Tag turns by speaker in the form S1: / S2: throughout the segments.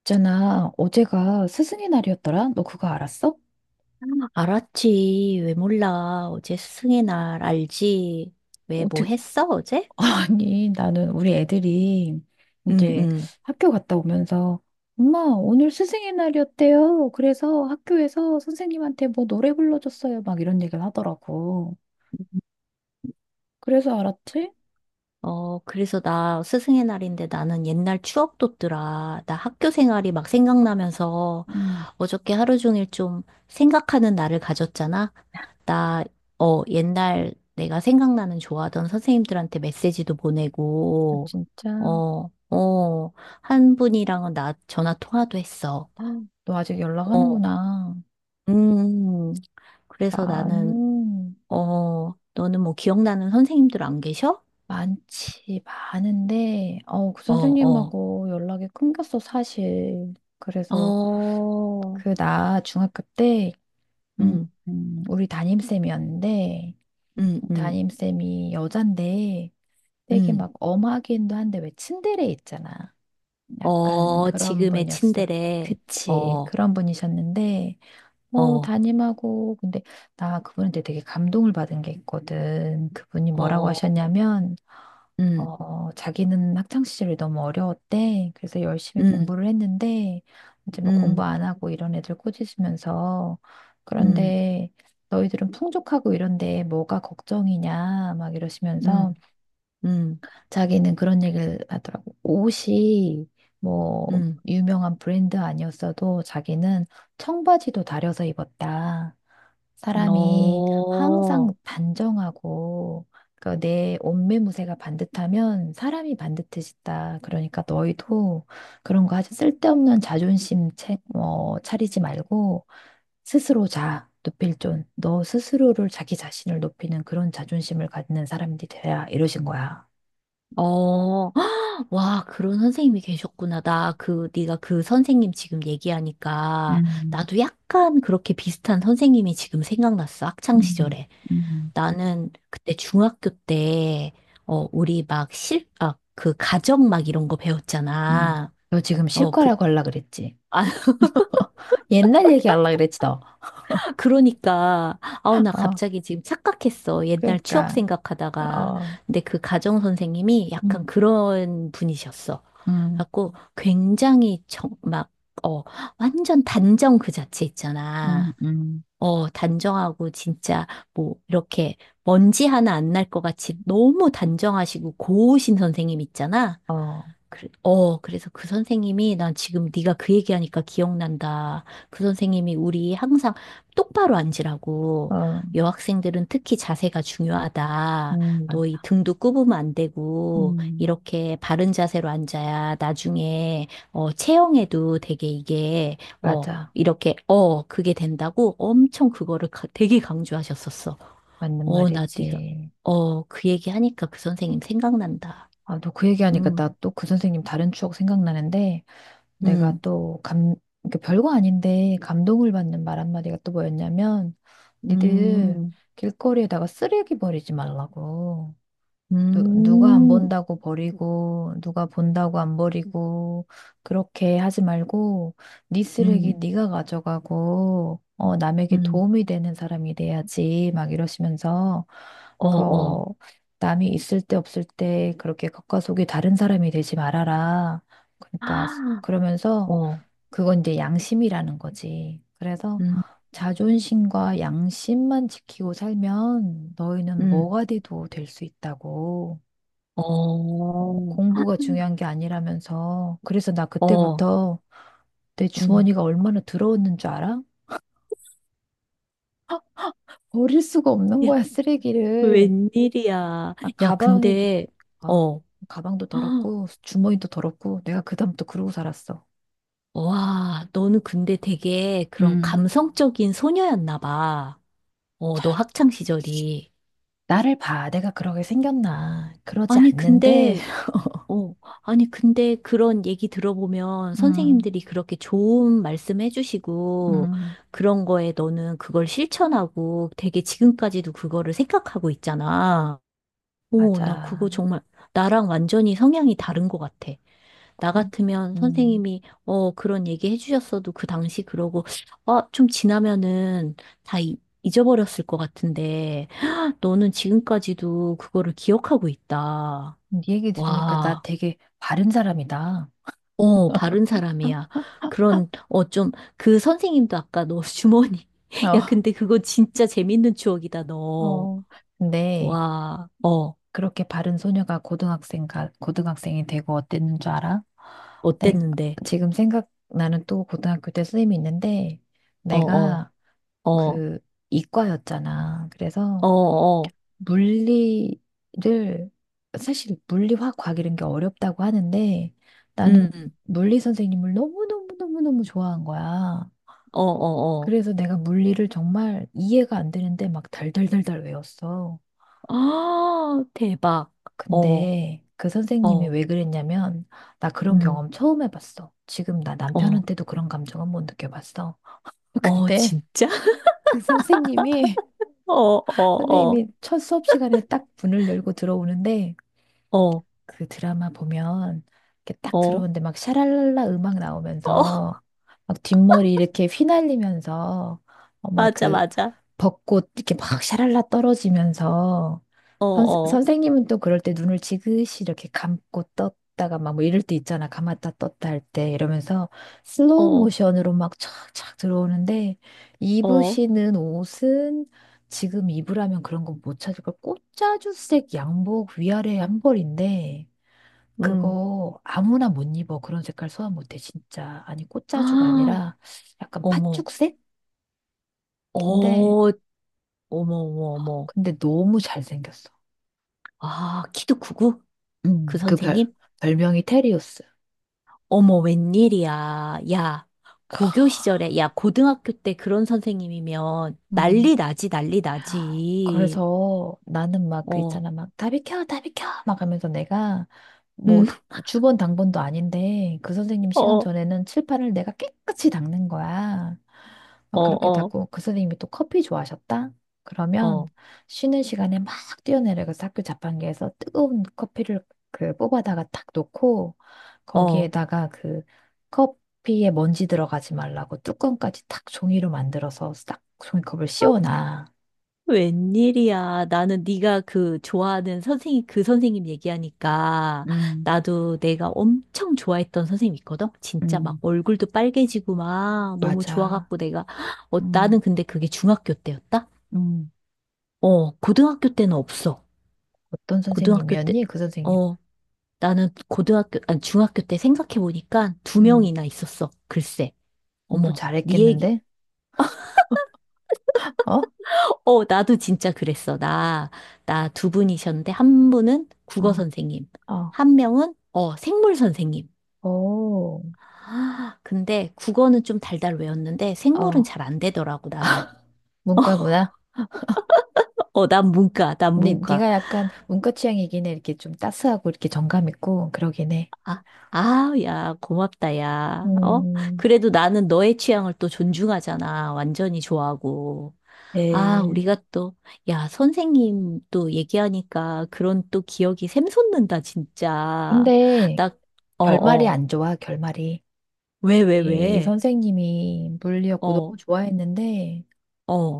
S1: 있잖아, 어제가 스승의 날이었더라? 너 그거 알았어?
S2: 알았지. 왜 몰라. 어제 스승의 날 알지. 왜 뭐
S1: 어떻게,
S2: 했어, 어제?
S1: 아니, 나는 우리 애들이
S2: 응,
S1: 이제
S2: 응.
S1: 학교 갔다 오면서, 엄마, 오늘 스승의 날이었대요. 그래서 학교에서 선생님한테 뭐 노래 불러줬어요. 막 이런 얘기를 하더라고. 그래서 알았지?
S2: 그래서 나 스승의 날인데 나는 옛날 추억 돋더라. 나 학교 생활이 막 생각나면서
S1: 음,
S2: 어저께 하루 종일 좀 생각하는 날을 가졌잖아. 나, 옛날 내가 생각나는 좋아하던 선생님들한테 메시지도
S1: 아,
S2: 보내고,
S1: 진짜.
S2: 어, 어, 한 분이랑은 나 전화 통화도 했어.
S1: 아, 너 아직
S2: 어,
S1: 연락하는구나.
S2: 음. 그래서 나는,
S1: 나는
S2: 너는 뭐 기억나는 선생님들 안 계셔?
S1: 많지, 많은데, 그
S2: 어, 어,
S1: 선생님하고 연락이 끊겼어, 사실. 그래서
S2: 어,
S1: 그, 나 중학교 때, 음,
S2: 음,
S1: 우리 담임쌤이었는데,
S2: 음, 음,
S1: 담임쌤이 여잔데, 되게
S2: 음.
S1: 막 엄하기도 한데, 왜 츤데레 있잖아. 약간 그런
S2: 지금의
S1: 분이었어.
S2: 친데레, 어,
S1: 그치,
S2: 어,
S1: 그런 분이셨는데, 뭐, 담임하고, 근데 나 그분한테 되게 감동을 받은 게 있거든. 그분이 뭐라고
S2: 어,
S1: 하셨냐면,
S2: 음,
S1: 자기는 학창시절이 너무 어려웠대. 그래서 열심히
S2: 음,
S1: 공부를 했는데, 이제 뭐 공부
S2: 음,
S1: 안 하고 이런 애들 꾸짖으면서,
S2: 음,
S1: 그런데 너희들은 풍족하고 이런데 뭐가 걱정이냐, 막 이러시면서
S2: 음, 음,
S1: 자기는 그런 얘기를 하더라고. 옷이 뭐
S2: 음,
S1: 유명한 브랜드 아니었어도 자기는 청바지도 다려서 입었다. 사람이
S2: 어,
S1: 항상 단정하고 그내 옷매무새가 반듯하면 사람이 반듯해진다. 그러니까 너희도 그런 거 아주 쓸데없는 자존심 차리지 말고 스스로 자. 높일 존. 너 스스로를 자기 자신을 높이는 그런 자존심을 갖는 사람들이 돼야 이러신 거야.
S2: 어. 와, 그런 선생님이 계셨구나. 나 그, 네가 그 선생님 지금 얘기하니까
S1: 음,
S2: 나도 약간 그렇게 비슷한 선생님이 지금 생각났어. 학창
S1: 음,
S2: 시절에.
S1: 음,
S2: 나는 그때 중학교 때, 우리 막 아, 그 가정 막 이런 거
S1: 음.
S2: 배웠잖아.
S1: 너 지금
S2: 그,
S1: 실과라고 하려 그랬지?
S2: 아,
S1: 옛날 얘기 하려 그랬지 너.
S2: 그러니까. 아우, 나
S1: 어,
S2: 갑자기 지금 착각했어. 옛날 추억
S1: 그러니까
S2: 생각하다가.
S1: 어.
S2: 근데 그 가정 선생님이 약간
S1: 음.
S2: 그런 분이셨어.
S1: 음,
S2: 갖고 굉장히 막, 어, 완전 단정 그 자체
S1: 음,
S2: 있잖아.
S1: 음.
S2: 단정하고 진짜 뭐 이렇게 먼지 하나 안 날 것 같이 너무 단정하시고 고우신 선생님 있잖아.
S1: 어, 어,
S2: 그래, 그래서 그 선생님이 난 지금 네가 그 얘기하니까 기억난다. 그 선생님이 우리 항상 똑바로 앉으라고 여학생들은 특히 자세가 중요하다.
S1: 맞,
S2: 너 이 등도 굽으면 안 되고
S1: 음,
S2: 이렇게 바른 자세로 앉아야 나중에 체형에도 되게 이게
S1: 맞아.
S2: 이렇게 그게 된다고 엄청 그거를 되게 강조하셨었어.
S1: 맞는
S2: 나 네가
S1: 말이지.
S2: 그 얘기하니까 그 선생님 생각난다.
S1: 아, 너 그 얘기하니까 나
S2: 음.
S1: 또 그 선생님 다른 추억 생각나는데, 내가
S2: 음.
S1: 또 감, 그러니까 별거 아닌데 감동을 받는 말 한마디가 또 뭐였냐면, 니들
S2: 음,
S1: 길거리에다가 쓰레기 버리지 말라고. 누가 안
S2: 음,
S1: 본다고 버리고, 누가 본다고 안 버리고, 그렇게 하지 말고, 네 쓰레기
S2: 음,
S1: 네가 가져가고, 남에게
S2: 음,
S1: 도움이 되는 사람이 돼야지, 막 이러시면서,
S2: 어,
S1: 그,
S2: 어,
S1: 어, 남이 있을 때 없을 때 그렇게 겉과 속이 다른 사람이 되지 말아라. 그러니까,
S2: 아,
S1: 그러면서,
S2: 어,
S1: 그건 이제 양심이라는 거지. 그래서,
S2: 음,
S1: 자존심과 양심만 지키고 살면 너희는
S2: 음,
S1: 뭐가 돼도 될 수 있다고.
S2: 어,
S1: 공부가 중요한 게 아니라면서. 그래서 나
S2: 어,
S1: 그때부터 내
S2: 음.
S1: 주머니가 얼마나 더러웠는 줄 알아? 버릴 수가 없는
S2: 야,
S1: 거야, 쓰레기를.
S2: 웬일이야.
S1: 아,
S2: 야,
S1: 가방에도,
S2: 근데,
S1: 아,
S2: 어,
S1: 가방도
S2: 헉,
S1: 더럽고, 주머니도 더럽고, 내가 그다음부터 그러고 살았어.
S2: 와, 너는 근데 되게 그런
S1: 음,
S2: 감성적인 소녀였나 봐. 너 학창 시절이.
S1: 나를 봐. 내가 그러게 생겼나. 그러지
S2: 아니,
S1: 않는데,
S2: 근데 어, 아니, 근데 그런 얘기 들어보면
S1: 음,
S2: 선생님들이 그렇게 좋은 말씀 해주시고
S1: 음.
S2: 그런 거에 너는 그걸 실천하고 되게 지금까지도 그거를 생각하고 있잖아. 오, 나 그거
S1: 맞아.
S2: 정말 나랑 완전히 성향이 다른 것 같아. 나
S1: 음,
S2: 같으면
S1: 음.
S2: 선생님이 그런 얘기 해주셨어도 그 당시 그러고 아, 좀 지나면은 다 잊어버렸을 것 같은데 너는 지금까지도 그거를 기억하고 있다.
S1: 네 얘기 들으니까 나
S2: 와.
S1: 되게 바른 사람이다.
S2: 바른 사람이야. 그런, 좀, 그 선생님도 아까 너 주머니.
S1: 어,
S2: 야, 근데 그거 진짜 재밌는 추억이다, 너.
S1: 어. 근데,
S2: 와,
S1: 그렇게 바른 소녀가 고등학생가 고등학생이 되고 어땠는 줄 알아? 네,
S2: 어땠는데?
S1: 지금 생각나는 또 고등학교 때 선생님이 있는데
S2: 어, 어,
S1: 내가
S2: 어,
S1: 그 이과였잖아. 그래서
S2: 어, 어,
S1: 물리를 사실 물리화 과학 이런 게 어렵다고 하는데 나는
S2: 음,
S1: 물리 선생님을 너무너무너무너무 좋아한 거야.
S2: 어, 어, 어.
S1: 그래서 내가 물리를 정말 이해가 안 되는데 막 달달달달 외웠어.
S2: 아, 대박. 어,
S1: 근데 그 선생님이
S2: 어,
S1: 왜 그랬냐면, 나 그런
S2: 음,
S1: 경험 처음 해봤어. 지금 나
S2: 어,
S1: 남편한테도 그런 감정은 못 느껴봤어.
S2: 어,
S1: 근데
S2: 진짜?
S1: 그 선생님이,
S2: 어, 어,
S1: 선생님이 첫 수업 시간에 딱 문을 열고 들어오는데,
S2: 어, 어,
S1: 그 드라마 보면 이렇게 딱
S2: 어,
S1: 들어오는데 막 샤랄랄라 음악
S2: 어,
S1: 나오면서 막 뒷머리 이렇게 휘날리면서 어,
S2: 맞아,
S1: 막그
S2: 맞아.
S1: 벚꽃 이렇게 막 샤랄라 떨어지면서
S2: 어,
S1: 선,
S2: 어,
S1: 선생님은 또 그럴 때 눈을 지그시 이렇게 감고 떴다가 막 뭐 이럴 때 있잖아. 감았다 떴다 할 때 이러면서 슬로우
S2: 어,
S1: 모션으로 막 촥촥 들어오는데
S2: 어,
S1: 입으시는 옷은 지금 입으라면 그런 건 못 찾을 걸. 꽃자주색 양복 위아래 한 벌인데
S2: 음.
S1: 그거 아무나 못 입어. 그런 색깔 소화 못해, 진짜. 아니, 꽃자주가
S2: 아,
S1: 아니라 약간
S2: 어머.
S1: 팥죽색?
S2: 어,
S1: 근데,
S2: 어머, 어머, 어머.
S1: 근데 너무 잘생겼어.
S2: 아, 키도 크고? 그
S1: 음, 그 별,
S2: 선생님?
S1: 별명이 테리우스.
S2: 어머, 웬일이야. 야, 고교 시절에, 야, 고등학교 때 그런 선생님이면
S1: 음.
S2: 난리 나지, 난리 나지.
S1: 그래서 나는 막 그
S2: 어,
S1: 있잖아 막 다 비켜 다 비켜 막 하면서 내가
S2: 음,
S1: 뭐 주번 당번도 아닌데 그 선생님 시간
S2: 어,
S1: 전에는 칠판을 내가 깨끗이 닦는 거야.
S2: 어,
S1: 막 그렇게
S2: 어,
S1: 닦고 그 선생님이 또 커피 좋아하셨다? 그러면
S2: 어,
S1: 쉬는 시간에 막 뛰어내려가서 학교 자판기에서 뜨거운 커피를 그 뽑아다가 탁 놓고
S2: 어.
S1: 거기에다가 그 커피에 먼지 들어가지 말라고 뚜껑까지 탁 종이로 만들어서 싹 종이컵을 씌워놔.
S2: 웬일이야. 나는 네가 그 좋아하는 선생님, 그 선생님 얘기하니까
S1: 음.
S2: 나도 내가 엄청 좋아했던 선생님 있거든? 진짜 막
S1: 음,
S2: 얼굴도 빨개지고 막 너무
S1: 맞아.
S2: 좋아갖고 내가
S1: 음,
S2: 나는 근데 그게 중학교 때였다?
S1: 음.
S2: 고등학교 때는 없어.
S1: 어떤
S2: 고등학교 때,
S1: 선생님이었니? 그 선생님.
S2: 어, 나는 고등학교, 아니, 중학교 때 생각해보니까 두
S1: 음,
S2: 명이나 있었어. 글쎄.
S1: 공부
S2: 어머, 네 얘기,
S1: 잘했겠는데? 어?
S2: 어, 어, 나도 진짜 그랬어. 나 두 분이셨는데, 한 분은 국어
S1: 어,
S2: 선생님,
S1: 어,
S2: 한 명은, 생물 선생님.
S1: 오,
S2: 아, 근데 국어는 좀 달달 외웠는데, 생물은
S1: 어,
S2: 잘 안 되더라고, 나는.
S1: 문과구나.
S2: 어, 난 문과, 난
S1: 니,
S2: 문과.
S1: 니가 약간 문과 취향이긴 해. 이렇게 좀 따스하고 이렇게 정감 있고 그러긴 해.
S2: 아, 아, 야, 고맙다, 야. 어?
S1: 음,
S2: 그래도 나는 너의 취향을 또 존중하잖아. 완전히 좋아하고. 아,
S1: 예.
S2: 우리가 또, 야, 선생님 또 얘기하니까 그런 또 기억이 샘솟는다, 진짜.
S1: 근데
S2: 나, 어,
S1: 결말이
S2: 어.
S1: 안 좋아, 결말이.
S2: 왜, 왜,
S1: 이
S2: 왜?
S1: 선생님이 물리였고
S2: 어,
S1: 너무 좋아했는데,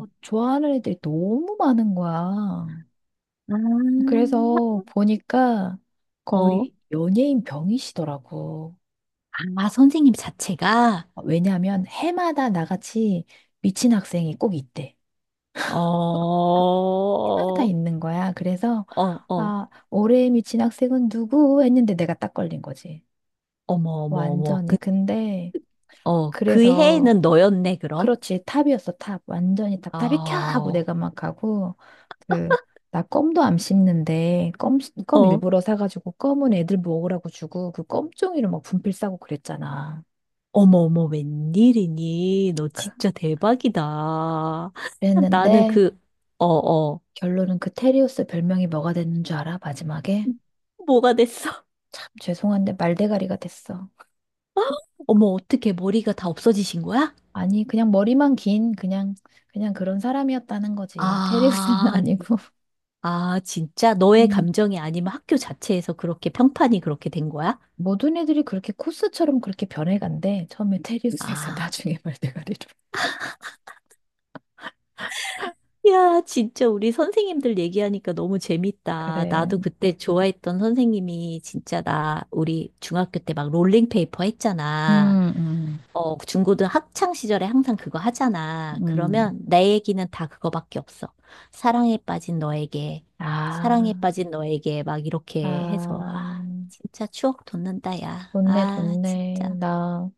S1: 좋아하는 애들이 너무 많은 거야.
S2: 아,
S1: 그래서 보니까
S2: 어.
S1: 거의 연예인 병이시더라고.
S2: 아, 선생님 자체가?
S1: 왜냐하면 해마다 나같이 미친 학생이 꼭 있대.
S2: 어,
S1: 해마다
S2: 어,
S1: 있는 거야. 그래서
S2: 어.
S1: 아, 올해의 미친 학생은 누구? 했는데 내가 딱 걸린 거지.
S2: 어머, 어머, 어머. 그,
S1: 완전히. 근데
S2: 어, 그
S1: 그래서
S2: 해에는 너였네, 그럼?
S1: 그렇지. 탑이었어, 탑. 완전히 탑.
S2: 아,
S1: 탑이 켜! 하고
S2: 어,
S1: 내가 막 가고, 그, 나 껌도 안 씹는데, 껌 일부러 사가지고, 껌은 애들 먹으라고 주고, 그 껌종이를 막 분필 싸고 그랬잖아.
S2: 어머, 어머, 웬일이니? 너
S1: 그-
S2: 진짜 대박이다. 나는
S1: 그랬는데,
S2: 그, 어, 어,
S1: 결론은 그 테리우스 별명이 뭐가 됐는 줄 알아? 마지막에?
S2: 뭐가 됐어?
S1: 참 죄송한데, 말대가리가 됐어.
S2: 어머, 어떻게 머리가 다 없어지신 거야?
S1: 아니, 그냥 머리만 긴, 그냥 그런 사람이었다는 거지. 테리우스는
S2: 아,
S1: 아니고.
S2: 아, 진짜 너의
S1: 음.
S2: 감정이 아니면 학교 자체에서 그렇게 평판이 그렇게 된 거야?
S1: 모든 애들이 그렇게 코스처럼 그렇게 변해간대. 처음에 테리우스에서
S2: 아,
S1: 나중에 말대가리로.
S2: 야, 진짜 우리 선생님들 얘기하니까 너무 재밌다.
S1: 그래.
S2: 나도 그때 좋아했던 선생님이 진짜 나, 우리 중학교 때 막 롤링페이퍼 했잖아.
S1: 음, 음,
S2: 그 중고등 학창 시절에 항상 그거 하잖아.
S1: 음.
S2: 그러면 내 얘기는 다 그거밖에 없어. 사랑에 빠진 너에게, 사랑에
S1: 아,
S2: 빠진 너에게 막 이렇게 해서,
S1: 아,
S2: 아, 진짜 추억 돋는다, 야.
S1: 좋네,
S2: 아,
S1: 좋네.
S2: 진짜.
S1: 나,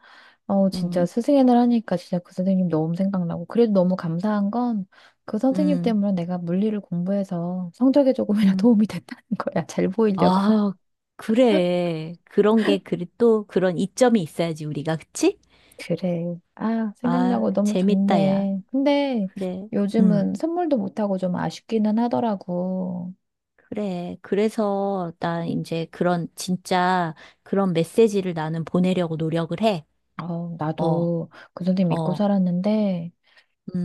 S1: 진짜
S2: 음,
S1: 스승의 날 하니까 진짜 그 선생님 너무 생각나고. 그래도 너무 감사한 건 그 선생님
S2: 음,
S1: 때문에 내가 물리를 공부해서 성적에 조금이나
S2: 음.
S1: 도움이 됐다는 거야. 잘 보이려고.
S2: 아, 그래. 그런 게, 그리 또 그런 이점이 있어야지, 우리가. 그치?
S1: 그래. 아,
S2: 아,
S1: 생각나고 너무
S2: 재밌다, 야.
S1: 좋네. 근데
S2: 그래. 음.
S1: 요즘은 선물도 못하고 좀 아쉽기는 하더라고.
S2: 그래. 그래서 나 이제 그런 진짜 그런 메시지를 나는 보내려고 노력을 해.
S1: 어,
S2: 어,
S1: 나도 그 선생님 믿고
S2: 어,
S1: 살았는데,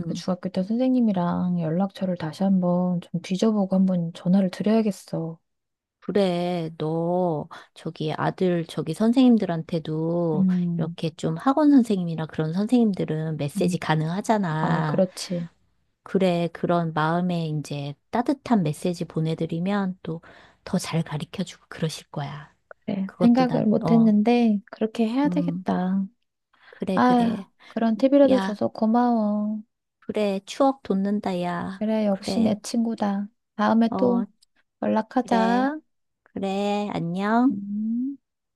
S1: 그 중학교 때 선생님이랑 연락처를 다시 한번 좀 뒤져보고 한번 전화를 드려야겠어.
S2: 그래. 너 저기 아들 저기 선생님들한테도
S1: 음,
S2: 이렇게 좀 학원 선생님이나 그런 선생님들은 메시지
S1: 음, 어,
S2: 가능하잖아.
S1: 그렇지.
S2: 그래. 그런 마음에 이제 따뜻한 메시지 보내드리면 또 더 잘 가르쳐주고 그러실 거야.
S1: 그래.
S2: 그것도
S1: 생각을
S2: 난, 어,
S1: 못했는데, 그렇게 해야
S2: 음.
S1: 되겠다.
S2: 그래, 그래.
S1: 아, 그런 팁이라도
S2: 야.
S1: 줘서 고마워.
S2: 그래, 추억 돋는다, 야.
S1: 그래, 역시 내
S2: 그래,
S1: 친구다. 다음에 또
S2: 어, 그래,
S1: 연락하자.
S2: 그래, 안녕.
S1: 음.